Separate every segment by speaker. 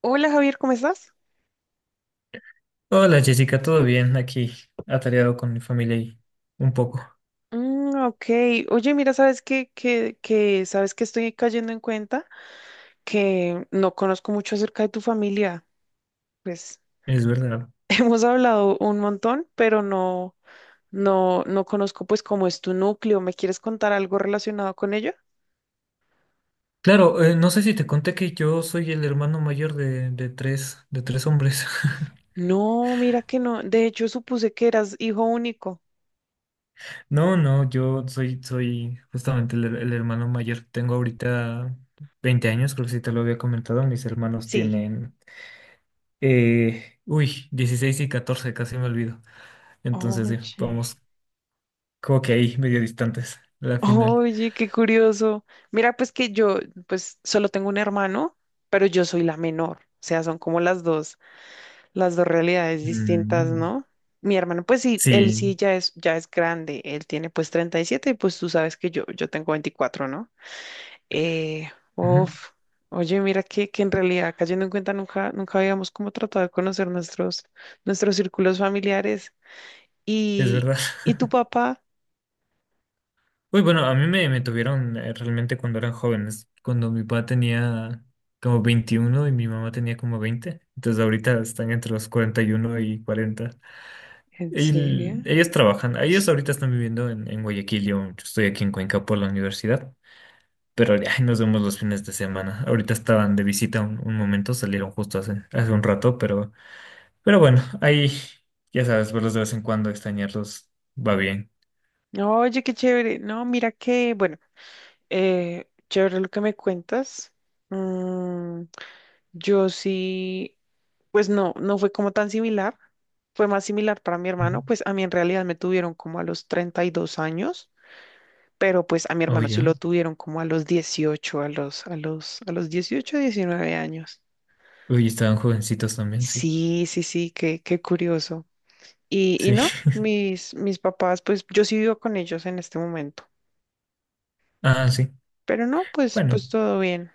Speaker 1: Hola Javier, ¿cómo estás?
Speaker 2: Hola Jessica, ¿todo bien? Aquí atareado con mi familia y un poco,
Speaker 1: Mm, ok, oye, mira, ¿sabes qué? ¿Sabes que estoy cayendo en cuenta? Que no conozco mucho acerca de tu familia. Pues
Speaker 2: es verdad.
Speaker 1: hemos hablado un montón, pero no, no conozco pues cómo es tu núcleo. ¿Me quieres contar algo relacionado con ella?
Speaker 2: Claro, no sé si te conté que yo soy el hermano mayor de de tres hombres.
Speaker 1: No, mira que no. De hecho, supuse que eras hijo único.
Speaker 2: No, no, yo soy, soy justamente el hermano mayor. Tengo ahorita 20 años, creo que sí te lo había comentado. Mis hermanos
Speaker 1: Sí.
Speaker 2: tienen, 16 y 14, casi me olvido. Entonces, sí,
Speaker 1: Oye.
Speaker 2: vamos como que ahí, medio distantes, la final.
Speaker 1: Oye, qué curioso. Mira, pues que yo, pues solo tengo un hermano, pero yo soy la menor. O sea, son como las dos realidades distintas,
Speaker 2: Mm,
Speaker 1: ¿no? Mi hermano, pues sí, él
Speaker 2: sí,
Speaker 1: sí ya es grande. Él tiene pues 37 y pues tú sabes que yo tengo 24, ¿no? Eh,
Speaker 2: ujú,
Speaker 1: Uf. Oye, mira que en realidad, cayendo en cuenta, nunca, nunca habíamos como tratado de conocer nuestros círculos familiares.
Speaker 2: es
Speaker 1: ¿Y,
Speaker 2: verdad.
Speaker 1: y tu papá?
Speaker 2: Uy, bueno, a mí me tuvieron realmente cuando eran jóvenes, cuando mi papá tenía como 21 y mi mamá tenía como 20, entonces ahorita están entre los 40 y 40. Y 40.
Speaker 1: ¿En serio?
Speaker 2: Ellos trabajan, ellos ahorita están viviendo en Guayaquil. Yo estoy aquí en Cuenca por la universidad, pero ay, nos vemos los fines de semana. Ahorita estaban de visita un momento, salieron justo hace un rato, pero bueno, ahí ya sabes, verlos de vez en cuando, extrañarlos va bien.
Speaker 1: No. Oye, qué chévere. No, mira que, bueno, chévere lo que me cuentas. Mm, yo sí, pues no fue como tan similar. Fue más similar para mi
Speaker 2: Ujú.
Speaker 1: hermano. Pues a mí en realidad me tuvieron como a los 32 años, pero pues a mi
Speaker 2: Oh,
Speaker 1: hermano sí
Speaker 2: ya.
Speaker 1: lo tuvieron como a los 18, a los 18, 19 años.
Speaker 2: Uy, estaban jovencitos también, sí.
Speaker 1: Sí, sí, sí, qué curioso. Y
Speaker 2: Sí,
Speaker 1: no, mis papás, pues yo sí vivo con ellos en este momento.
Speaker 2: ah, sí.
Speaker 1: Pero no, pues,
Speaker 2: Bueno,
Speaker 1: pues todo bien.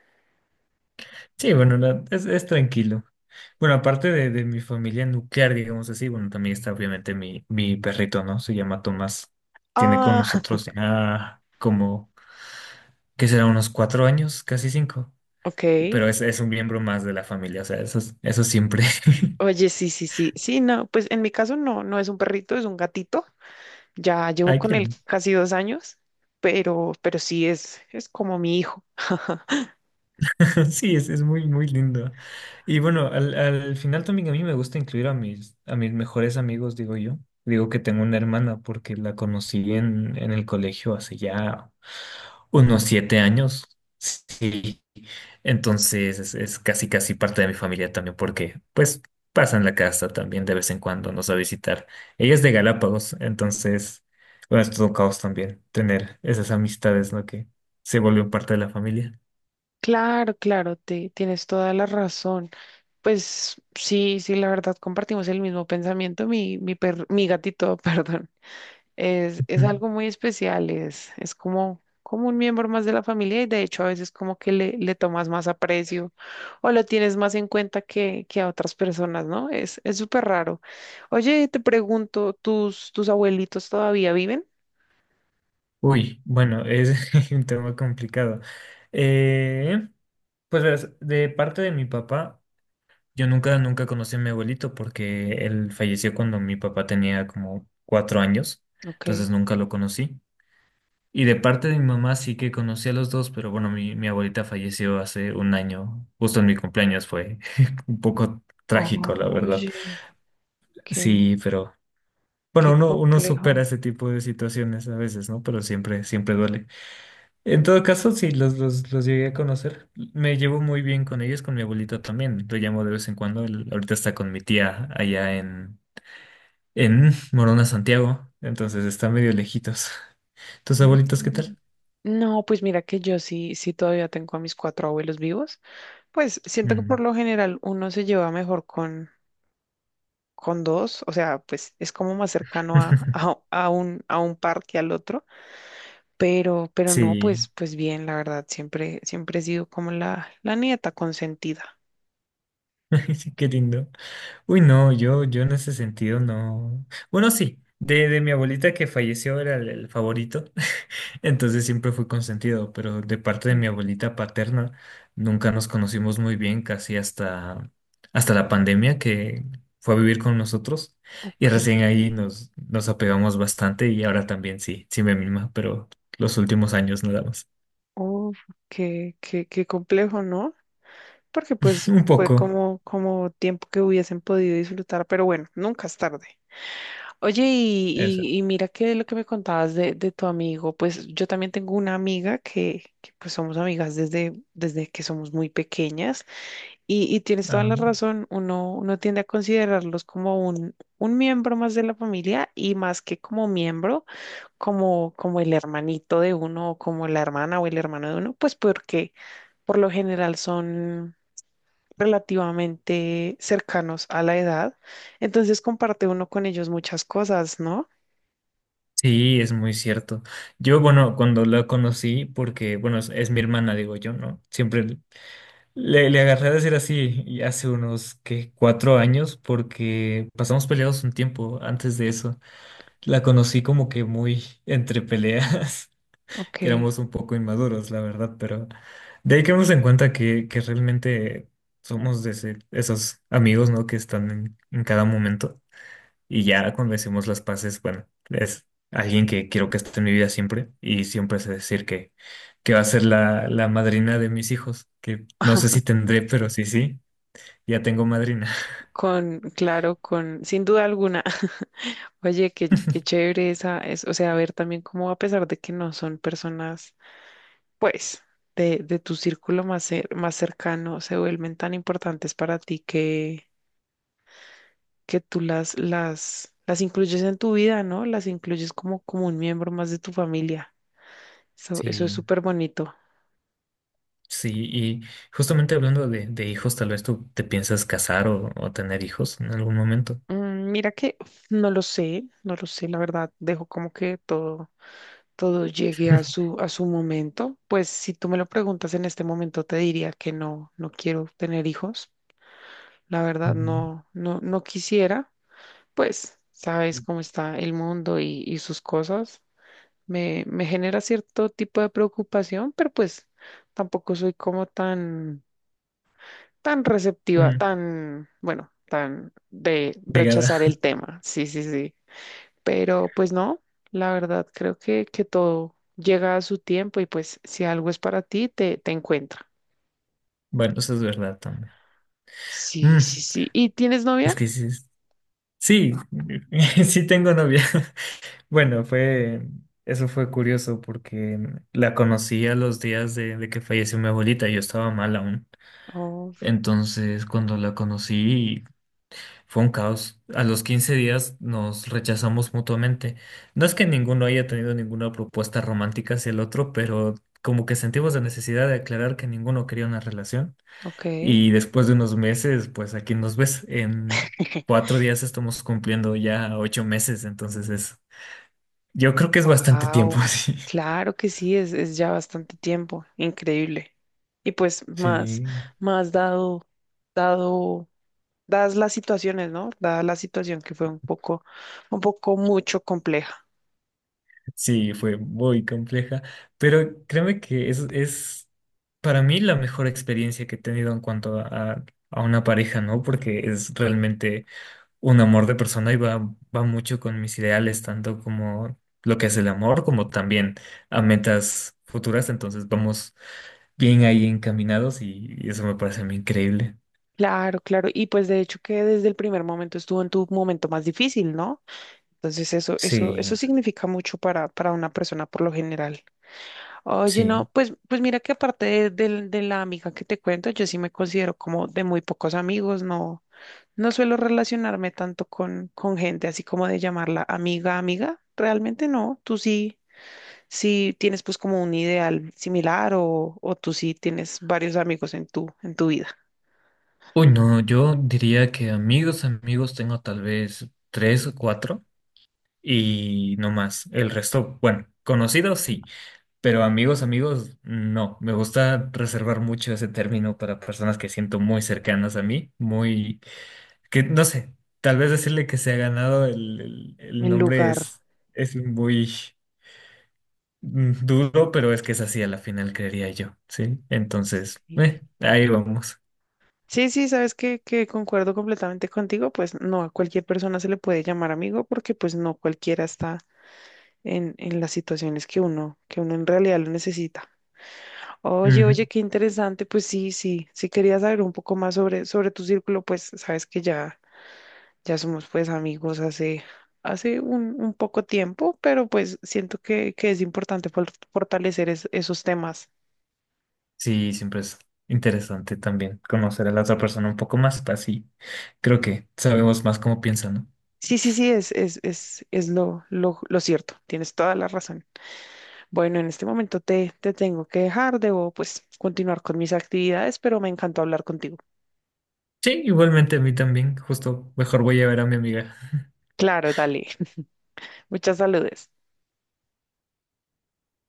Speaker 2: sí, bueno, es tranquilo. Bueno, aparte de mi familia nuclear, digamos así, bueno, también está obviamente mi perrito, ¿no? Se llama Tomás. Tiene con
Speaker 1: Ah,
Speaker 2: nosotros ya como, ¿qué será? Unos 4 años, casi cinco.
Speaker 1: ok.
Speaker 2: Pero es un miembro más de la familia, o sea, eso, eso siempre.
Speaker 1: Oye, sí, sí, sí. Sí, no, pues en mi caso no es un perrito, es un gatito. Ya llevo
Speaker 2: Ay, qué
Speaker 1: con él
Speaker 2: lindo.
Speaker 1: casi 2 años, pero sí es como mi hijo.
Speaker 2: Sí, es muy, muy lindo. Y bueno, al final también a mí me gusta incluir a mis mejores amigos, digo yo. Digo que tengo una hermana porque la conocí en el colegio hace ya unos 7 años. Sí. Entonces es casi, casi parte de mi familia también, porque pues pasan la casa también de vez en cuando, nos va a visitar. Ella es de Galápagos, entonces, bueno, es todo un caos también tener esas amistades, ¿no? Que se volvió parte de la familia.
Speaker 1: Claro, claro, tienes toda la razón. Pues sí, sí, la verdad compartimos el mismo pensamiento. Mi gatito, perdón. Es algo muy especial, es como un miembro más de la familia y de hecho a veces como que le tomas más aprecio o lo tienes más en cuenta que a otras personas, ¿no? Es súper raro. Oye, te pregunto, ¿tus abuelitos todavía viven?
Speaker 2: Uy, bueno, es un tema complicado. Eh, pues verás, de parte de mi papá, yo nunca, nunca conocí a mi abuelito porque él falleció cuando mi papá tenía como 4 años,
Speaker 1: Ok.
Speaker 2: entonces nunca lo conocí. Y de parte de mi mamá sí que conocí a los dos, pero bueno, mi abuelita falleció hace un año, justo en mi cumpleaños, fue un poco trágico, la verdad.
Speaker 1: Oye, qué,
Speaker 2: Sí, pero bueno,
Speaker 1: qué
Speaker 2: uno, uno supera
Speaker 1: complejo.
Speaker 2: ese tipo de situaciones a veces, ¿no? Pero siempre, siempre duele. En todo caso, sí, los llegué a conocer. Me llevo muy bien con ellos, con mi abuelito también. Lo llamo de vez en cuando. Él ahorita está con mi tía allá en Morona, Santiago. Entonces están medio lejitos. ¿Tus abuelitos qué
Speaker 1: Mm.
Speaker 2: tal?
Speaker 1: No, pues mira que yo sí, sí todavía tengo a mis cuatro abuelos vivos. Pues siento que por
Speaker 2: Mm.
Speaker 1: lo general uno se lleva mejor con dos, o sea, pues es como más cercano a, a- a un, a un par que al otro, pero no,
Speaker 2: Sí,
Speaker 1: pues bien, la verdad, siempre, siempre he sido como la nieta consentida.
Speaker 2: sí, qué lindo. Uy, no, yo en ese sentido no. Bueno, sí, de mi abuelita que falleció era el favorito. Entonces siempre fui consentido, pero de parte de mi abuelita paterna nunca nos conocimos muy bien, casi hasta, hasta la pandemia que fue a vivir con nosotros y
Speaker 1: Ok,
Speaker 2: recién ahí nos, nos apegamos bastante y ahora también sí, sí me mima, pero los últimos años nada más.
Speaker 1: oh, qué complejo, ¿no? Porque pues
Speaker 2: Un
Speaker 1: fue
Speaker 2: poco.
Speaker 1: como tiempo que hubiesen podido disfrutar, pero bueno, nunca es tarde. Oye, y,
Speaker 2: Eso.
Speaker 1: y, y mira que lo que me contabas de tu amigo, pues yo también tengo una amiga que pues somos amigas desde que somos muy pequeñas. Y tienes toda
Speaker 2: Ah,
Speaker 1: la razón, uno tiende a considerarlos como un miembro más de la familia y más que como miembro, como el hermanito de uno o como la hermana o el hermano de uno, pues porque por lo general son relativamente cercanos a la edad, entonces comparte uno con ellos muchas cosas, ¿no?
Speaker 2: sí, es muy cierto. Yo, bueno, cuando la conocí, porque, bueno, es mi hermana, digo yo, ¿no? Siempre le, le agarré a decir así, y hace unos, que 4 años, porque pasamos peleados un tiempo antes de eso. La conocí como que muy entre peleas, que
Speaker 1: Ok.
Speaker 2: éramos un poco inmaduros, la verdad, pero de ahí quedamos en cuenta que realmente somos de esos amigos, ¿no? Que están en cada momento. Y ya cuando hicimos las paces, bueno, es alguien que quiero que esté en mi vida siempre, y siempre sé decir que va a ser la madrina de mis hijos, que no sé si tendré, pero sí, sí, ya tengo madrina.
Speaker 1: Claro, sin duda alguna. Oye, qué chévere esa, o sea, ver también cómo a pesar de que no son personas pues, de tu círculo más cercano se vuelven tan importantes para ti que tú las incluyes en tu vida, ¿no? Las incluyes como un miembro más de tu familia. Eso es
Speaker 2: Sí,
Speaker 1: súper bonito.
Speaker 2: sí, y justamente hablando de hijos, tal vez tú te piensas casar o tener hijos en algún momento.
Speaker 1: Mira que no lo sé, no lo sé, la verdad, dejo como que todo llegue a su, a su momento. Pues si tú me lo preguntas en este momento, te diría que no, quiero tener hijos. La verdad,
Speaker 2: Mm,
Speaker 1: no, no, no quisiera. Pues sabes cómo está el mundo y sus cosas. Me genera cierto tipo de preocupación, pero pues tampoco soy como tan receptiva,
Speaker 2: mm,
Speaker 1: tan, bueno, tan de
Speaker 2: negada.
Speaker 1: rechazar el tema. Sí, sí, sí. Pero pues no, la verdad creo que todo llega a su tiempo y pues si algo es para ti, te encuentra.
Speaker 2: Bueno, eso es verdad también.
Speaker 1: Sí,
Speaker 2: Mm,
Speaker 1: sí, sí. ¿Y tienes
Speaker 2: es
Speaker 1: novia?
Speaker 2: que sí, sí, sí tengo novia. Bueno, fue, eso fue curioso porque la conocí a los días de que falleció mi abuelita, yo estaba mal aún.
Speaker 1: Oh,
Speaker 2: Entonces, cuando la conocí, fue un caos. A los 15 días nos rechazamos mutuamente. No es que ninguno haya tenido ninguna propuesta romántica hacia el otro, pero como que sentimos la necesidad de aclarar que ninguno quería una relación.
Speaker 1: ok.
Speaker 2: Y después de unos meses, pues aquí nos ves. En 4 días estamos cumpliendo ya 8 meses, entonces es, yo creo que es bastante tiempo,
Speaker 1: Wow,
Speaker 2: sí.
Speaker 1: claro que sí, es ya bastante tiempo, increíble. Y pues más,
Speaker 2: Sí.
Speaker 1: más dado, dadas las situaciones, ¿no? Dada la situación que fue un poco mucho compleja.
Speaker 2: Sí, fue muy compleja, pero créeme que es para mí la mejor experiencia que he tenido en cuanto a a una pareja, ¿no? Porque es realmente un amor de persona y va, va mucho con mis ideales, tanto como lo que es el amor, como también a metas futuras, entonces vamos bien ahí encaminados, y eso me parece a mí increíble.
Speaker 1: Claro, claro. Y pues de hecho que desde el primer momento estuvo en tu momento más difícil, ¿no? Entonces eso, eso,
Speaker 2: Sí,
Speaker 1: eso significa mucho para una persona por lo general. Oye,
Speaker 2: sí.
Speaker 1: no, pues mira que aparte de la amiga que te cuento, yo sí me considero como de muy pocos amigos, no, suelo relacionarme tanto con gente así como de llamarla amiga, amiga, realmente no, tú sí, sí tienes pues como un ideal similar o tú sí tienes varios amigos en tu vida,
Speaker 2: Uy, no, yo diría que amigos, amigos tengo tal vez tres o cuatro y no más. El resto, bueno, conocidos sí, pero amigos, amigos no. Me gusta reservar mucho ese término para personas que siento muy cercanas a mí, muy, que no sé, tal vez decirle que se ha ganado el
Speaker 1: en
Speaker 2: nombre
Speaker 1: lugar.
Speaker 2: es muy duro, pero es que es así a la final, creería yo, ¿sí? Entonces,
Speaker 1: Sí.
Speaker 2: ahí vamos.
Speaker 1: Sí, sí, sabes que concuerdo completamente contigo, pues no a cualquier persona se le puede llamar amigo porque pues no cualquiera está en las situaciones que uno en realidad lo necesita. Oye, oye, qué interesante, pues sí, sí, sí quería saber un poco más sobre tu círculo, pues sabes que ya somos pues amigos hace un poco tiempo, pero pues siento que es importante fortalecer esos temas.
Speaker 2: Sí, siempre es interesante también conocer a la otra persona un poco más, así creo que sabemos más cómo piensa, ¿no?
Speaker 1: Sí, sí, sí, es lo cierto, tienes toda la razón. Bueno, en este momento te tengo que dejar, debo pues continuar con mis actividades, pero me encantó hablar contigo.
Speaker 2: Sí, igualmente a mí también, justo mejor voy a ver a mi amiga.
Speaker 1: Claro, dale. Muchas saludes.